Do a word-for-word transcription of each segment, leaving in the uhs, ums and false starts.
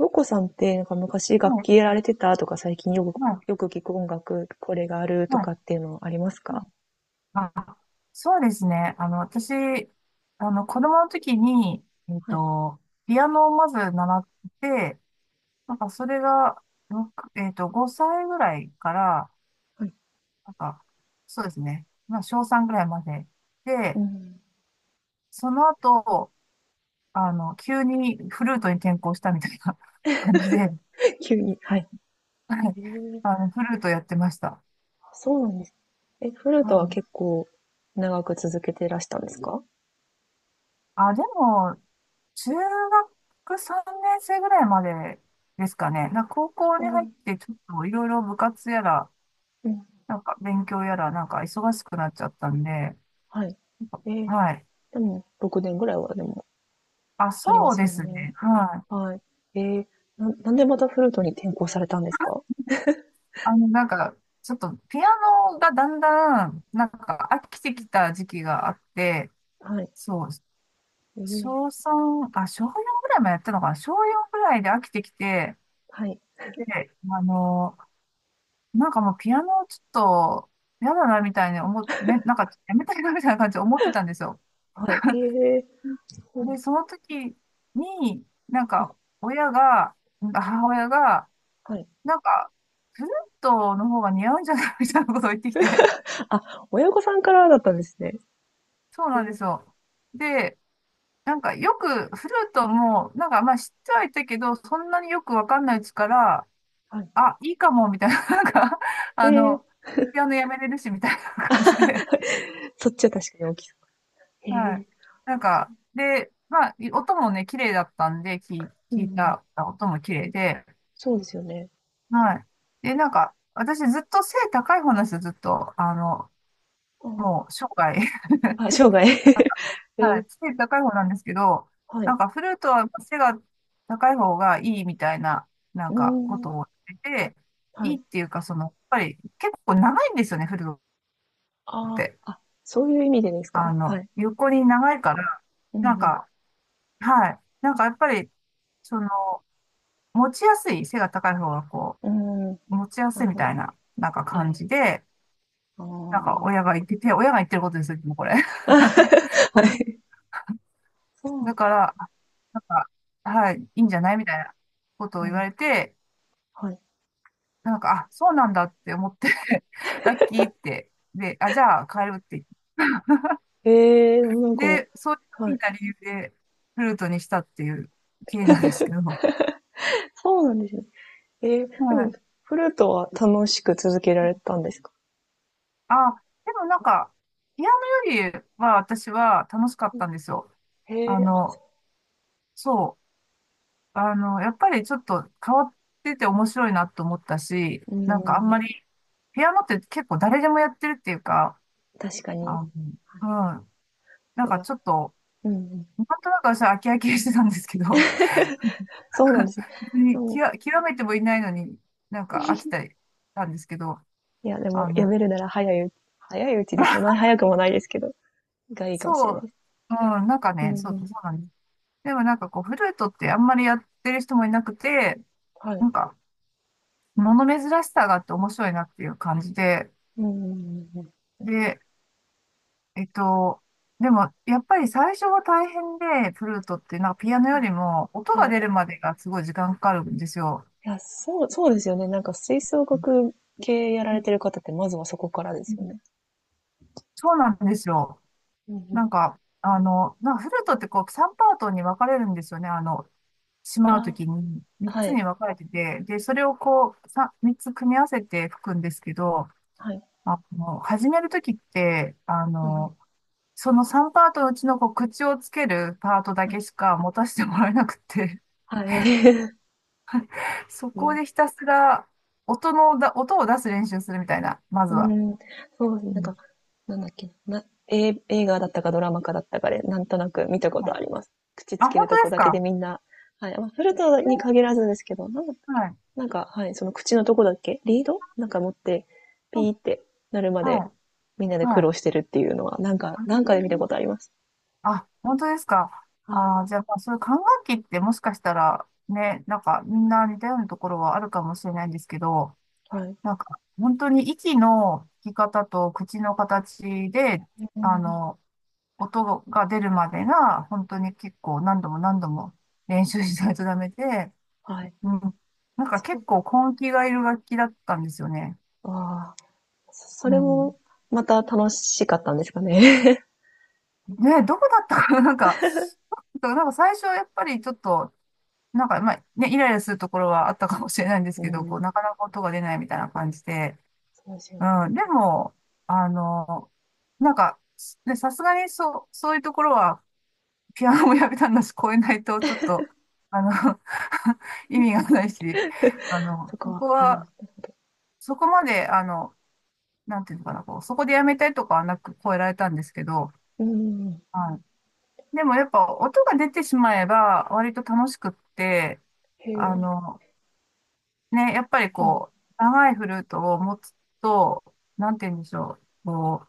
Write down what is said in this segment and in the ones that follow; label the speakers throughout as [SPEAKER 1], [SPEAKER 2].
[SPEAKER 1] 洋子さんって、なんか昔楽
[SPEAKER 2] はい、
[SPEAKER 1] 器やられてたとか、最近よく、
[SPEAKER 2] はい、
[SPEAKER 1] よく聞く音楽、これがあると
[SPEAKER 2] は
[SPEAKER 1] かっていうのあります
[SPEAKER 2] い。うん。
[SPEAKER 1] か？
[SPEAKER 2] あ、そうですね。あの、私、あの、子供の時に、えっ
[SPEAKER 1] はい、
[SPEAKER 2] と、ピアノをまず習って、なんかそれが、ろくえっと、ごさいぐらいから、
[SPEAKER 1] はい。
[SPEAKER 2] なんか、そうですね。まあ、小しょうさんぐらいまで。
[SPEAKER 1] う
[SPEAKER 2] で、
[SPEAKER 1] ん。
[SPEAKER 2] その後、あの、急にフルートに転向したみたいな 感じで、は
[SPEAKER 1] 急に、はい。
[SPEAKER 2] い。
[SPEAKER 1] えー、
[SPEAKER 2] あの、フルートやってました。
[SPEAKER 1] あ、そうなんです。え、フルー
[SPEAKER 2] う
[SPEAKER 1] トは
[SPEAKER 2] ん。
[SPEAKER 1] 結構長く続けてらしたんですか？
[SPEAKER 2] あ、でも、中学さんねん生ぐらいまでですかね。なんか高校
[SPEAKER 1] う
[SPEAKER 2] に入っ
[SPEAKER 1] ん、
[SPEAKER 2] てちょっといろいろ部活やら、
[SPEAKER 1] うん、
[SPEAKER 2] なんか勉強やら、なんか忙しくなっちゃったんで、
[SPEAKER 1] はい。えー、
[SPEAKER 2] はい。
[SPEAKER 1] でも、ろくねんぐらいはでも
[SPEAKER 2] あ、
[SPEAKER 1] ありま
[SPEAKER 2] そう
[SPEAKER 1] す
[SPEAKER 2] で
[SPEAKER 1] よ
[SPEAKER 2] す
[SPEAKER 1] ね。
[SPEAKER 2] ね。はい。
[SPEAKER 1] はい。えー、な、なんでまたフルートに転校されたんですか？
[SPEAKER 2] あの、なんか、ちょっとピアノがだんだん、なんか飽きてきた時期があって、
[SPEAKER 1] はい。
[SPEAKER 2] そう、
[SPEAKER 1] えー、
[SPEAKER 2] 小3、あ、小しょうよんぐらいまでやったのかな。小しょうよんぐらいで飽きてきて、
[SPEAKER 1] はい。
[SPEAKER 2] で、あの、なんかもうピアノちょっと嫌だなみたいに思っ、め、なんかやめたいなみたいな感じで思ってたんですよ。
[SPEAKER 1] はい。えー、そうなん
[SPEAKER 2] で、そ
[SPEAKER 1] だ。
[SPEAKER 2] の時に、なん
[SPEAKER 1] はい。
[SPEAKER 2] か親が、なんか母親が、
[SPEAKER 1] はい。
[SPEAKER 2] なんかフルートの方が似合うんじゃないみたいなことを言ってきて、
[SPEAKER 1] あ、親御さんからだったんですね。
[SPEAKER 2] そう
[SPEAKER 1] え
[SPEAKER 2] なんです
[SPEAKER 1] ー、
[SPEAKER 2] よ。で、なんかよくフルートも、なんかまあ知ってはいたけど、そんなによくわかんないうちから、
[SPEAKER 1] はい。
[SPEAKER 2] あ、いいかもみたいな、なんか、
[SPEAKER 1] え
[SPEAKER 2] あ
[SPEAKER 1] え、
[SPEAKER 2] の、ピアノやめれるしみたいな感じで。
[SPEAKER 1] そっちは確かに大きそう。へ
[SPEAKER 2] はい。
[SPEAKER 1] え
[SPEAKER 2] なんか、で、まあ、音もね、綺麗だったんで、聞い、
[SPEAKER 1] ー、うんう
[SPEAKER 2] 聞い
[SPEAKER 1] ん。
[SPEAKER 2] た音も綺麗で、
[SPEAKER 1] そうですよね。
[SPEAKER 2] はい。で、なんか、私ずっと背高い方なんですよ、ずっと。あの、
[SPEAKER 1] うん。
[SPEAKER 2] もう生涯。
[SPEAKER 1] あ、生涯。え
[SPEAKER 2] は
[SPEAKER 1] え、
[SPEAKER 2] い。背高い方なんですけど、
[SPEAKER 1] は
[SPEAKER 2] な
[SPEAKER 1] い。
[SPEAKER 2] んかフルートは背が高い方がいいみたいな、な
[SPEAKER 1] う
[SPEAKER 2] ん
[SPEAKER 1] ー
[SPEAKER 2] かこと
[SPEAKER 1] ん、
[SPEAKER 2] を言ってて、
[SPEAKER 1] は
[SPEAKER 2] いい
[SPEAKER 1] い。
[SPEAKER 2] っていうか、その、やっぱり結構長いんですよね、フルートっ
[SPEAKER 1] あ
[SPEAKER 2] て。
[SPEAKER 1] あ、あ、そういう意味でです
[SPEAKER 2] あ
[SPEAKER 1] か？は
[SPEAKER 2] の、
[SPEAKER 1] い。
[SPEAKER 2] 横に長いから、
[SPEAKER 1] う
[SPEAKER 2] なん
[SPEAKER 1] ん
[SPEAKER 2] か、はい。なんかやっぱり、その、持ちやすい、背が高い方がこ
[SPEAKER 1] うん。うーん、
[SPEAKER 2] う、持ちや
[SPEAKER 1] な
[SPEAKER 2] すい
[SPEAKER 1] る
[SPEAKER 2] み
[SPEAKER 1] ほ
[SPEAKER 2] た
[SPEAKER 1] ど。
[SPEAKER 2] いな、なんか
[SPEAKER 1] は
[SPEAKER 2] 感
[SPEAKER 1] い。
[SPEAKER 2] じで、なんか
[SPEAKER 1] あ
[SPEAKER 2] 親が言ってて、親が言ってることですよ、もうこれ。
[SPEAKER 1] あ。はい。そうな
[SPEAKER 2] だ
[SPEAKER 1] ん、
[SPEAKER 2] から、なんか、はい、いいんじゃないみたいなことを
[SPEAKER 1] う
[SPEAKER 2] 言わ
[SPEAKER 1] ん、
[SPEAKER 2] れて、
[SPEAKER 1] はい。
[SPEAKER 2] なんか、あ、そうなんだって思って ラッキーって、で、あ、じゃあ帰るって。
[SPEAKER 1] ええ、なんか、
[SPEAKER 2] で、そういう
[SPEAKER 1] は
[SPEAKER 2] ふう
[SPEAKER 1] い。
[SPEAKER 2] な理由で、フルートにしたっていう経緯なんですけど。
[SPEAKER 1] そうなんですね。ええ、で
[SPEAKER 2] は
[SPEAKER 1] も、
[SPEAKER 2] い。
[SPEAKER 1] フルートは楽しく続けられたんですか？
[SPEAKER 2] あ、でもなんか、ピアノよりは私は楽しかっ
[SPEAKER 1] う
[SPEAKER 2] た
[SPEAKER 1] ん。
[SPEAKER 2] んですよ。
[SPEAKER 1] へ
[SPEAKER 2] あ
[SPEAKER 1] え、あ、そ
[SPEAKER 2] の、そう。あの、やっぱりちょっと変わってて面白いなと思ったし、
[SPEAKER 1] う。う
[SPEAKER 2] なんかあん
[SPEAKER 1] ん。
[SPEAKER 2] まり、ピアノって結構誰でもやってるっていうか、
[SPEAKER 1] 確かに。
[SPEAKER 2] あの、うん、なん
[SPEAKER 1] です
[SPEAKER 2] か
[SPEAKER 1] よ。
[SPEAKER 2] ちょっと、
[SPEAKER 1] うんうん。
[SPEAKER 2] なんとなく私は飽き飽きしてたんですけど、
[SPEAKER 1] そうなんですね。
[SPEAKER 2] 別に
[SPEAKER 1] うん。
[SPEAKER 2] 極、極めてもいないのになんか飽きたりしたんですけど、
[SPEAKER 1] いや、でも、
[SPEAKER 2] あ
[SPEAKER 1] や
[SPEAKER 2] の、
[SPEAKER 1] めるなら早いう早いうちでそん なに早くもないですけど、がいいかもしれ
[SPEAKER 2] そ
[SPEAKER 1] ないで
[SPEAKER 2] う、
[SPEAKER 1] す。
[SPEAKER 2] う
[SPEAKER 1] いや、
[SPEAKER 2] ん、なんか
[SPEAKER 1] うん
[SPEAKER 2] ね、
[SPEAKER 1] う
[SPEAKER 2] そう、そ
[SPEAKER 1] ん。
[SPEAKER 2] うなんです。でもなんかこう、フルートってあんまりやってる人もいなくて、
[SPEAKER 1] は
[SPEAKER 2] な
[SPEAKER 1] い。
[SPEAKER 2] んか、物珍しさがあって面白いなっていう感じで、
[SPEAKER 1] うんうんうんうん。
[SPEAKER 2] で、えっと、でも、やっぱり最初は大変で、フルートって、なんかピアノよ
[SPEAKER 1] あ、
[SPEAKER 2] りも、音
[SPEAKER 1] は
[SPEAKER 2] が
[SPEAKER 1] い。
[SPEAKER 2] 出るまでがすごい時間かかるんですよ。
[SPEAKER 1] いや、そうそうですよね。なんか吹奏
[SPEAKER 2] うん
[SPEAKER 1] 楽系やら
[SPEAKER 2] う
[SPEAKER 1] れ
[SPEAKER 2] ん。
[SPEAKER 1] てる方って、まずはそこからですよね。
[SPEAKER 2] そうなんですよ。
[SPEAKER 1] うんう
[SPEAKER 2] な
[SPEAKER 1] ん。
[SPEAKER 2] んか、あの、なんかフルートってこう、さんパートに分かれるんですよね。あの、しまうと
[SPEAKER 1] あ
[SPEAKER 2] きに、
[SPEAKER 1] あ、
[SPEAKER 2] 3
[SPEAKER 1] は
[SPEAKER 2] つ
[SPEAKER 1] い、
[SPEAKER 2] に分かれてて、で、それをこう、さみっつ組み合わせて吹くんですけど、
[SPEAKER 1] はい。
[SPEAKER 2] あの、始めるときって、あ
[SPEAKER 1] うんうん。
[SPEAKER 2] の、そのさんパートのうちのこう口をつけるパートだ
[SPEAKER 1] はい。
[SPEAKER 2] けしか持たせてもらえなくて、
[SPEAKER 1] はい。
[SPEAKER 2] そ こ
[SPEAKER 1] ま、
[SPEAKER 2] でひたすら音のだ、音を出す練習するみたいな、ま
[SPEAKER 1] う
[SPEAKER 2] ずは。
[SPEAKER 1] ん、そうですね。
[SPEAKER 2] う
[SPEAKER 1] なん
[SPEAKER 2] ん。
[SPEAKER 1] か、なんだっけな、え、映画だったかドラマかだったかで、なんとなく見たことあります。口
[SPEAKER 2] あ、
[SPEAKER 1] つける
[SPEAKER 2] 本当
[SPEAKER 1] と
[SPEAKER 2] で
[SPEAKER 1] こ
[SPEAKER 2] す
[SPEAKER 1] だけで
[SPEAKER 2] か？
[SPEAKER 1] みんな、はい。まあ、フルト
[SPEAKER 2] え
[SPEAKER 1] に
[SPEAKER 2] ー
[SPEAKER 1] 限らずですけど、なんだったっけ
[SPEAKER 2] は
[SPEAKER 1] な。
[SPEAKER 2] い。
[SPEAKER 1] なんか、はい、その口のとこだっけリードなんか持って、ピ
[SPEAKER 2] うん。
[SPEAKER 1] ーってなるま
[SPEAKER 2] は
[SPEAKER 1] で、
[SPEAKER 2] い。
[SPEAKER 1] みんなで苦
[SPEAKER 2] はい。
[SPEAKER 1] 労してるっていうのは、なんか、なんかで見たことあります。
[SPEAKER 2] ああ、本当ですか？
[SPEAKER 1] はい。
[SPEAKER 2] あー、じゃあ、まあ、そういう管楽器ってもしかしたら、ね、なんかみんな似たようなところはあるかもしれないんですけど、
[SPEAKER 1] はい。
[SPEAKER 2] なんか本当に息の吹き方と口の形で、
[SPEAKER 1] う
[SPEAKER 2] あ
[SPEAKER 1] ん。
[SPEAKER 2] の、音が出るまでが、本当に結構何度も何度も練習しないとダメで、
[SPEAKER 1] はい。
[SPEAKER 2] うん。なんか
[SPEAKER 1] そ
[SPEAKER 2] 結
[SPEAKER 1] う。
[SPEAKER 2] 構根気がいる楽器だったんですよね。
[SPEAKER 1] ああ、そそ
[SPEAKER 2] う
[SPEAKER 1] れ
[SPEAKER 2] ん。
[SPEAKER 1] も、また楽しかったんですかね。
[SPEAKER 2] ね、どこだったかな、なんか、なんか最初はやっぱりちょっと、なんかまあね、イライラするところはあったかもしれないんで す
[SPEAKER 1] う
[SPEAKER 2] けど、こう、
[SPEAKER 1] ん。
[SPEAKER 2] なかなか音が出ないみたいな感じで。
[SPEAKER 1] そうですよね。
[SPEAKER 2] うん。でも、あの、なんか、ね、さすがにそう、そういうところは、ピアノもやめたんだし、超えないと、ちょっと、あの 意味がないし、あの、
[SPEAKER 1] そこ
[SPEAKER 2] そ
[SPEAKER 1] は、
[SPEAKER 2] こ
[SPEAKER 1] は
[SPEAKER 2] は、そこまで、あの、なんていうのかな、こう、そこでやめたいとかはなく超えられたんですけど、
[SPEAKER 1] い。うん。
[SPEAKER 2] はい。でもやっぱ音が出てしまえば割と楽しくって、
[SPEAKER 1] へ
[SPEAKER 2] あ
[SPEAKER 1] え、
[SPEAKER 2] の、ね、やっぱり
[SPEAKER 1] うん、
[SPEAKER 2] こう、長いフルートを持つと、なんて言うんでしょう、こ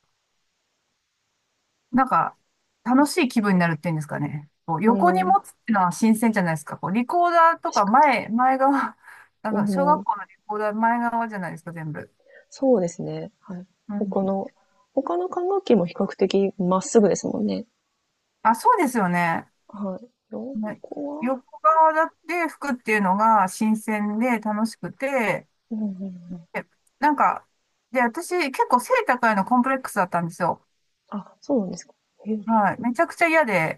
[SPEAKER 2] う、なんか、楽しい気分になるっていうんですかね。こう、
[SPEAKER 1] う
[SPEAKER 2] 横に
[SPEAKER 1] ん
[SPEAKER 2] 持
[SPEAKER 1] うん、
[SPEAKER 2] つっていうのは新鮮じゃないですか。こう、リコーダーと
[SPEAKER 1] 確
[SPEAKER 2] か
[SPEAKER 1] か
[SPEAKER 2] 前、前側、あ
[SPEAKER 1] に。う
[SPEAKER 2] の、小
[SPEAKER 1] んう
[SPEAKER 2] 学
[SPEAKER 1] ん、
[SPEAKER 2] 校のリコーダー前側じゃないですか、全部。
[SPEAKER 1] そうですね、はい。
[SPEAKER 2] う
[SPEAKER 1] 他
[SPEAKER 2] ん。
[SPEAKER 1] の他の管楽器も比較的まっすぐですもんね。
[SPEAKER 2] あ、そうですよね。
[SPEAKER 1] はい。四
[SPEAKER 2] まあ
[SPEAKER 1] 個は
[SPEAKER 2] 横側だって服っていうのが新鮮で楽しくて、
[SPEAKER 1] うんうんうん。
[SPEAKER 2] でなんか、で、私結構背高いのコンプレックスだったんですよ。
[SPEAKER 1] あ、そうなんですか。へえ、
[SPEAKER 2] はい。めちゃくちゃ嫌で。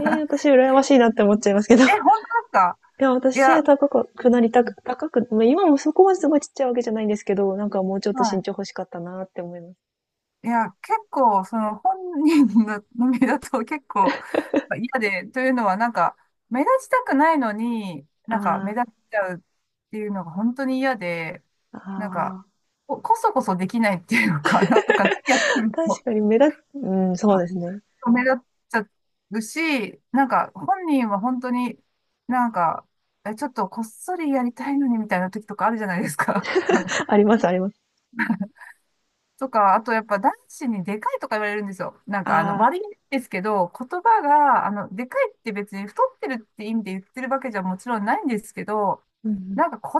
[SPEAKER 1] ええ、私 羨ましいなって思っちゃいますけど。い
[SPEAKER 2] え、本当ですか？
[SPEAKER 1] や、
[SPEAKER 2] い
[SPEAKER 1] 私背
[SPEAKER 2] や、
[SPEAKER 1] 高くなりたく高くまあ、今もそこまですごいちっちゃいわけじゃないんですけど、なんかもうちょっ
[SPEAKER 2] は
[SPEAKER 1] と身
[SPEAKER 2] い。
[SPEAKER 1] 長欲しかったなって思います。
[SPEAKER 2] いや、結構、その本人の目だと結構嫌で、というのはなんか、目立ちたくないのに、なんか
[SPEAKER 1] あ
[SPEAKER 2] 目立っちゃうっていうのが本当に嫌で、
[SPEAKER 1] あ、
[SPEAKER 2] なんか、
[SPEAKER 1] ああ、
[SPEAKER 2] こ、こそこそできないっていうか、なんか何やってるの
[SPEAKER 1] 確
[SPEAKER 2] か
[SPEAKER 1] かに目立っ、うん、そうですね。
[SPEAKER 2] 目立っちゃうし、なんか本人は本当になんか、え、ちょっとこっそりやりたいのにみたいな時とかあるじゃないですか。
[SPEAKER 1] ありますあります。
[SPEAKER 2] とか、あとやっぱ男子にでかいとか言われるんですよ。なん
[SPEAKER 1] あ
[SPEAKER 2] かあの
[SPEAKER 1] あ、
[SPEAKER 2] 悪いんですけど、言葉が、あの、でかいって別に太ってるって意味で言ってるわけじゃもちろんないんですけど、
[SPEAKER 1] うんうん。
[SPEAKER 2] なんか言葉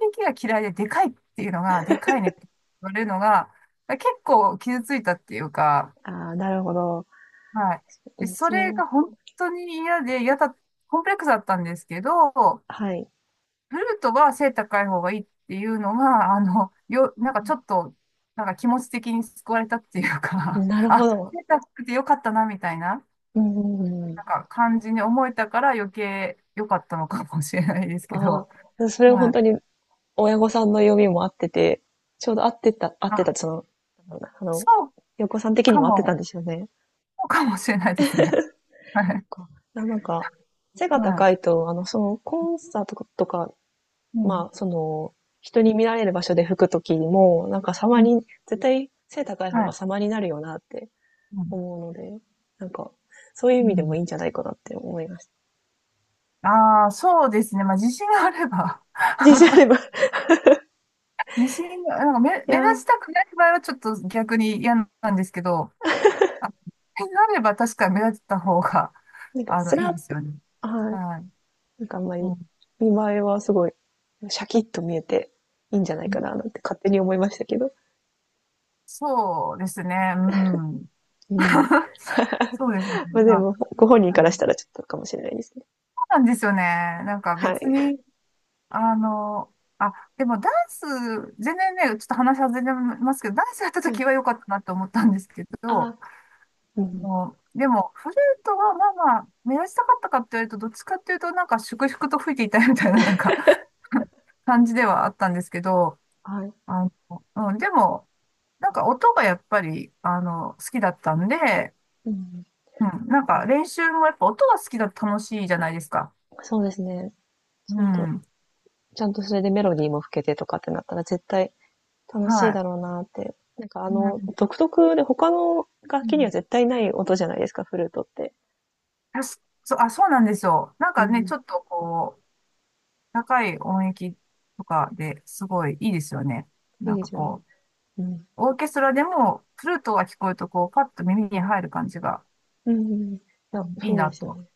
[SPEAKER 2] の響きが嫌いででかいっていうのが、でかいねって言われるのが、結構傷ついたっていうか、
[SPEAKER 1] ああ、なるほど。
[SPEAKER 2] はい。でそれ
[SPEAKER 1] そ
[SPEAKER 2] が
[SPEAKER 1] う。
[SPEAKER 2] 本当に嫌で、嫌だ、コンプレックスだったんですけど、
[SPEAKER 1] はい。
[SPEAKER 2] フルートは背高い方がいいっていうのが、あの、よ、なんかちょっと、なんか気持ち的に救われたっていうか
[SPEAKER 1] なる ほ
[SPEAKER 2] あ、
[SPEAKER 1] ど。
[SPEAKER 2] 背高くてよかったな、みたいな、
[SPEAKER 1] うんうんう
[SPEAKER 2] な
[SPEAKER 1] ん。
[SPEAKER 2] んか感じに思えたから余計良かったのかもしれないですけ
[SPEAKER 1] あ
[SPEAKER 2] ど、
[SPEAKER 1] あ、それは
[SPEAKER 2] は
[SPEAKER 1] 本
[SPEAKER 2] い。
[SPEAKER 1] 当に親御さんの読みも合ってて、ちょうど合ってた、合っ
[SPEAKER 2] ま
[SPEAKER 1] てた、
[SPEAKER 2] あ、
[SPEAKER 1] その、なんだろうな、あの、
[SPEAKER 2] そう
[SPEAKER 1] 横さん的に
[SPEAKER 2] か
[SPEAKER 1] も合ってたん
[SPEAKER 2] も、
[SPEAKER 1] ですよね。
[SPEAKER 2] そうかもしれないですね。はい。
[SPEAKER 1] かなんか、背が
[SPEAKER 2] は
[SPEAKER 1] 高いと、あの、その、コンサートとか、
[SPEAKER 2] い。うん。
[SPEAKER 1] まあ、その、人に見られる場所で吹くときにも、なんか
[SPEAKER 2] う
[SPEAKER 1] 様
[SPEAKER 2] ん。
[SPEAKER 1] に、絶対背高い
[SPEAKER 2] は
[SPEAKER 1] 方が
[SPEAKER 2] い。
[SPEAKER 1] 様になるよなって
[SPEAKER 2] うん。
[SPEAKER 1] 思うので、なんか、そういう意
[SPEAKER 2] う
[SPEAKER 1] 味でも
[SPEAKER 2] ん。
[SPEAKER 1] いいんじゃないかなって思いました。
[SPEAKER 2] ああ、そうですね。まあ、自信があれば、
[SPEAKER 1] 自信あれば。い
[SPEAKER 2] 自信が、なんか目、
[SPEAKER 1] や
[SPEAKER 2] 目立
[SPEAKER 1] ー、
[SPEAKER 2] ちたくない場合はちょっと逆に嫌なんですけど、あ、点があれば確かに目立った方が、
[SPEAKER 1] なん か、
[SPEAKER 2] あ
[SPEAKER 1] ス
[SPEAKER 2] の、い
[SPEAKER 1] ラ
[SPEAKER 2] い
[SPEAKER 1] ッ
[SPEAKER 2] です
[SPEAKER 1] と、
[SPEAKER 2] よね。
[SPEAKER 1] はい。
[SPEAKER 2] はい。
[SPEAKER 1] なんかあんまり、
[SPEAKER 2] う
[SPEAKER 1] 見栄えはすごい、シャキッと見えて、いいんじゃな
[SPEAKER 2] ん、
[SPEAKER 1] いかな、なんて勝手に思いましたけど。
[SPEAKER 2] そうですね。うん。
[SPEAKER 1] うん。
[SPEAKER 2] そうですね。
[SPEAKER 1] まあ、で
[SPEAKER 2] ま
[SPEAKER 1] も、ご本人
[SPEAKER 2] あ、
[SPEAKER 1] か
[SPEAKER 2] は
[SPEAKER 1] らし
[SPEAKER 2] い。
[SPEAKER 1] たらちょっとかもしれないですね。
[SPEAKER 2] そうなんですよね。なんか
[SPEAKER 1] は
[SPEAKER 2] 別
[SPEAKER 1] い。
[SPEAKER 2] に、あの、あ、でもダンス、全然ね、ちょっと話は全然ますけど、ダンスやった
[SPEAKER 1] は
[SPEAKER 2] 時
[SPEAKER 1] い。
[SPEAKER 2] は良かったなと思ったんですけど、
[SPEAKER 1] あー、う
[SPEAKER 2] あ
[SPEAKER 1] ん。
[SPEAKER 2] のでも、フルートはまあまあ、目立ちたかったかって言われると、どっちかっていうと、なんか粛々と吹いていたいみたいな、なんか 感じではあったんですけど、
[SPEAKER 1] はい。
[SPEAKER 2] あの、うん、でも、なんか音がやっぱり、あの、好きだったんで、
[SPEAKER 1] うん。
[SPEAKER 2] うん、なんか
[SPEAKER 1] あ、
[SPEAKER 2] 練習もやっぱ音が好きだと楽しいじゃないですか。
[SPEAKER 1] そうですね。
[SPEAKER 2] う
[SPEAKER 1] ちゃんと、
[SPEAKER 2] ん、
[SPEAKER 1] ちゃんとそれでメロディーも吹けてとかってなったら絶対楽しい
[SPEAKER 2] は
[SPEAKER 1] だ
[SPEAKER 2] い。
[SPEAKER 1] ろうなって。なんかあ
[SPEAKER 2] う
[SPEAKER 1] の、
[SPEAKER 2] ん、
[SPEAKER 1] 独特で他の楽
[SPEAKER 2] う
[SPEAKER 1] 器には
[SPEAKER 2] ん。
[SPEAKER 1] 絶対ない音じゃないですか、フルートって。
[SPEAKER 2] あ、そそう、あ、そうなんですよ。なん
[SPEAKER 1] う
[SPEAKER 2] かね、ち
[SPEAKER 1] ん。
[SPEAKER 2] ょっとこう、高い音域とかですごいいいですよね。
[SPEAKER 1] い
[SPEAKER 2] な
[SPEAKER 1] い
[SPEAKER 2] ん
[SPEAKER 1] で
[SPEAKER 2] か
[SPEAKER 1] すよね。
[SPEAKER 2] こ
[SPEAKER 1] うん。
[SPEAKER 2] う、オーケストラでもフルートが聞こえるとこう、パッと耳に入る感じが、
[SPEAKER 1] うん、い
[SPEAKER 2] う
[SPEAKER 1] や、
[SPEAKER 2] ん、いい
[SPEAKER 1] そうで
[SPEAKER 2] な
[SPEAKER 1] すよ
[SPEAKER 2] と。
[SPEAKER 1] ね。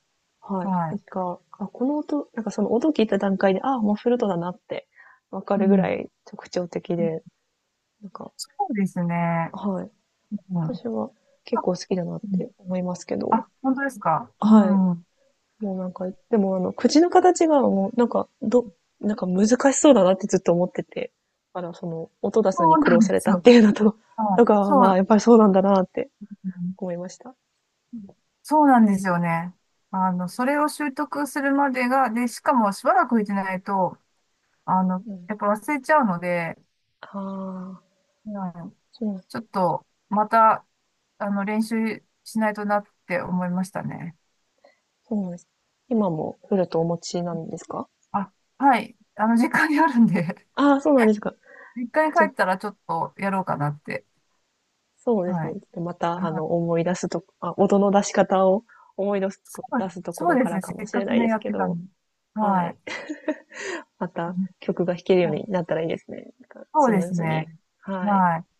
[SPEAKER 1] はい。
[SPEAKER 2] は
[SPEAKER 1] なん
[SPEAKER 2] い。
[SPEAKER 1] か、あ、この音、なんかその音聞いた段階で、あ、もうフルートだなってわか
[SPEAKER 2] う
[SPEAKER 1] るぐ
[SPEAKER 2] ん、
[SPEAKER 1] らい特徴的で、なんか、
[SPEAKER 2] そうですね。
[SPEAKER 1] はい。
[SPEAKER 2] うん。あ。
[SPEAKER 1] 私は結構好きだなっ
[SPEAKER 2] うん。
[SPEAKER 1] て思いますけど、
[SPEAKER 2] あ、本当ですか？う
[SPEAKER 1] はい。
[SPEAKER 2] ん。
[SPEAKER 1] もうなんか、でもあの、口の形がもう、なんか、ど、なんか難しそうだなってずっと思ってて、あら、その、音出すの
[SPEAKER 2] そ
[SPEAKER 1] に
[SPEAKER 2] う
[SPEAKER 1] 苦
[SPEAKER 2] な
[SPEAKER 1] 労
[SPEAKER 2] んで
[SPEAKER 1] され
[SPEAKER 2] す
[SPEAKER 1] たっ
[SPEAKER 2] よ。
[SPEAKER 1] ていうのと、
[SPEAKER 2] はい。
[SPEAKER 1] とか、
[SPEAKER 2] そ
[SPEAKER 1] まあ、
[SPEAKER 2] う、
[SPEAKER 1] やっぱりそうなんだなって
[SPEAKER 2] うん。
[SPEAKER 1] 思いました。
[SPEAKER 2] そうなんですよね。あの、それを習得するまでが、で、しかもしばらく行ってないと、あの、
[SPEAKER 1] うん。
[SPEAKER 2] やっぱ忘れちゃうので、
[SPEAKER 1] ああ、
[SPEAKER 2] うん。
[SPEAKER 1] そう
[SPEAKER 2] ちょっと、また、あの、練習しないとなって思いましたね。
[SPEAKER 1] そうなんです。今もフルートお持ちなんですか？
[SPEAKER 2] あ、はい。あの、実家にあるんで、
[SPEAKER 1] ああー、そうなんですか。
[SPEAKER 2] 実家に
[SPEAKER 1] じゃ、
[SPEAKER 2] 帰ったらちょっとやろうかなって。
[SPEAKER 1] そうです
[SPEAKER 2] は
[SPEAKER 1] ね。ち
[SPEAKER 2] い。
[SPEAKER 1] ょっとまた、あ
[SPEAKER 2] あ、
[SPEAKER 1] の、思い出すと、あ、音の出し方を思い出す
[SPEAKER 2] そ
[SPEAKER 1] と、出
[SPEAKER 2] う、
[SPEAKER 1] すとこ
[SPEAKER 2] そ
[SPEAKER 1] ろ
[SPEAKER 2] うで
[SPEAKER 1] か
[SPEAKER 2] す
[SPEAKER 1] ら
[SPEAKER 2] ね。
[SPEAKER 1] か
[SPEAKER 2] せ
[SPEAKER 1] も
[SPEAKER 2] っ
[SPEAKER 1] し
[SPEAKER 2] か
[SPEAKER 1] れ
[SPEAKER 2] く
[SPEAKER 1] ない
[SPEAKER 2] ね、
[SPEAKER 1] です
[SPEAKER 2] やっ
[SPEAKER 1] け
[SPEAKER 2] てた
[SPEAKER 1] ど、
[SPEAKER 2] んで。
[SPEAKER 1] は
[SPEAKER 2] は
[SPEAKER 1] い。
[SPEAKER 2] い。
[SPEAKER 1] ま
[SPEAKER 2] う
[SPEAKER 1] た
[SPEAKER 2] ん。
[SPEAKER 1] 曲が弾けるようになったらいいですね。なんか
[SPEAKER 2] そ
[SPEAKER 1] ス
[SPEAKER 2] うで
[SPEAKER 1] ムー
[SPEAKER 2] す
[SPEAKER 1] ズに。
[SPEAKER 2] ね。
[SPEAKER 1] はい。
[SPEAKER 2] はい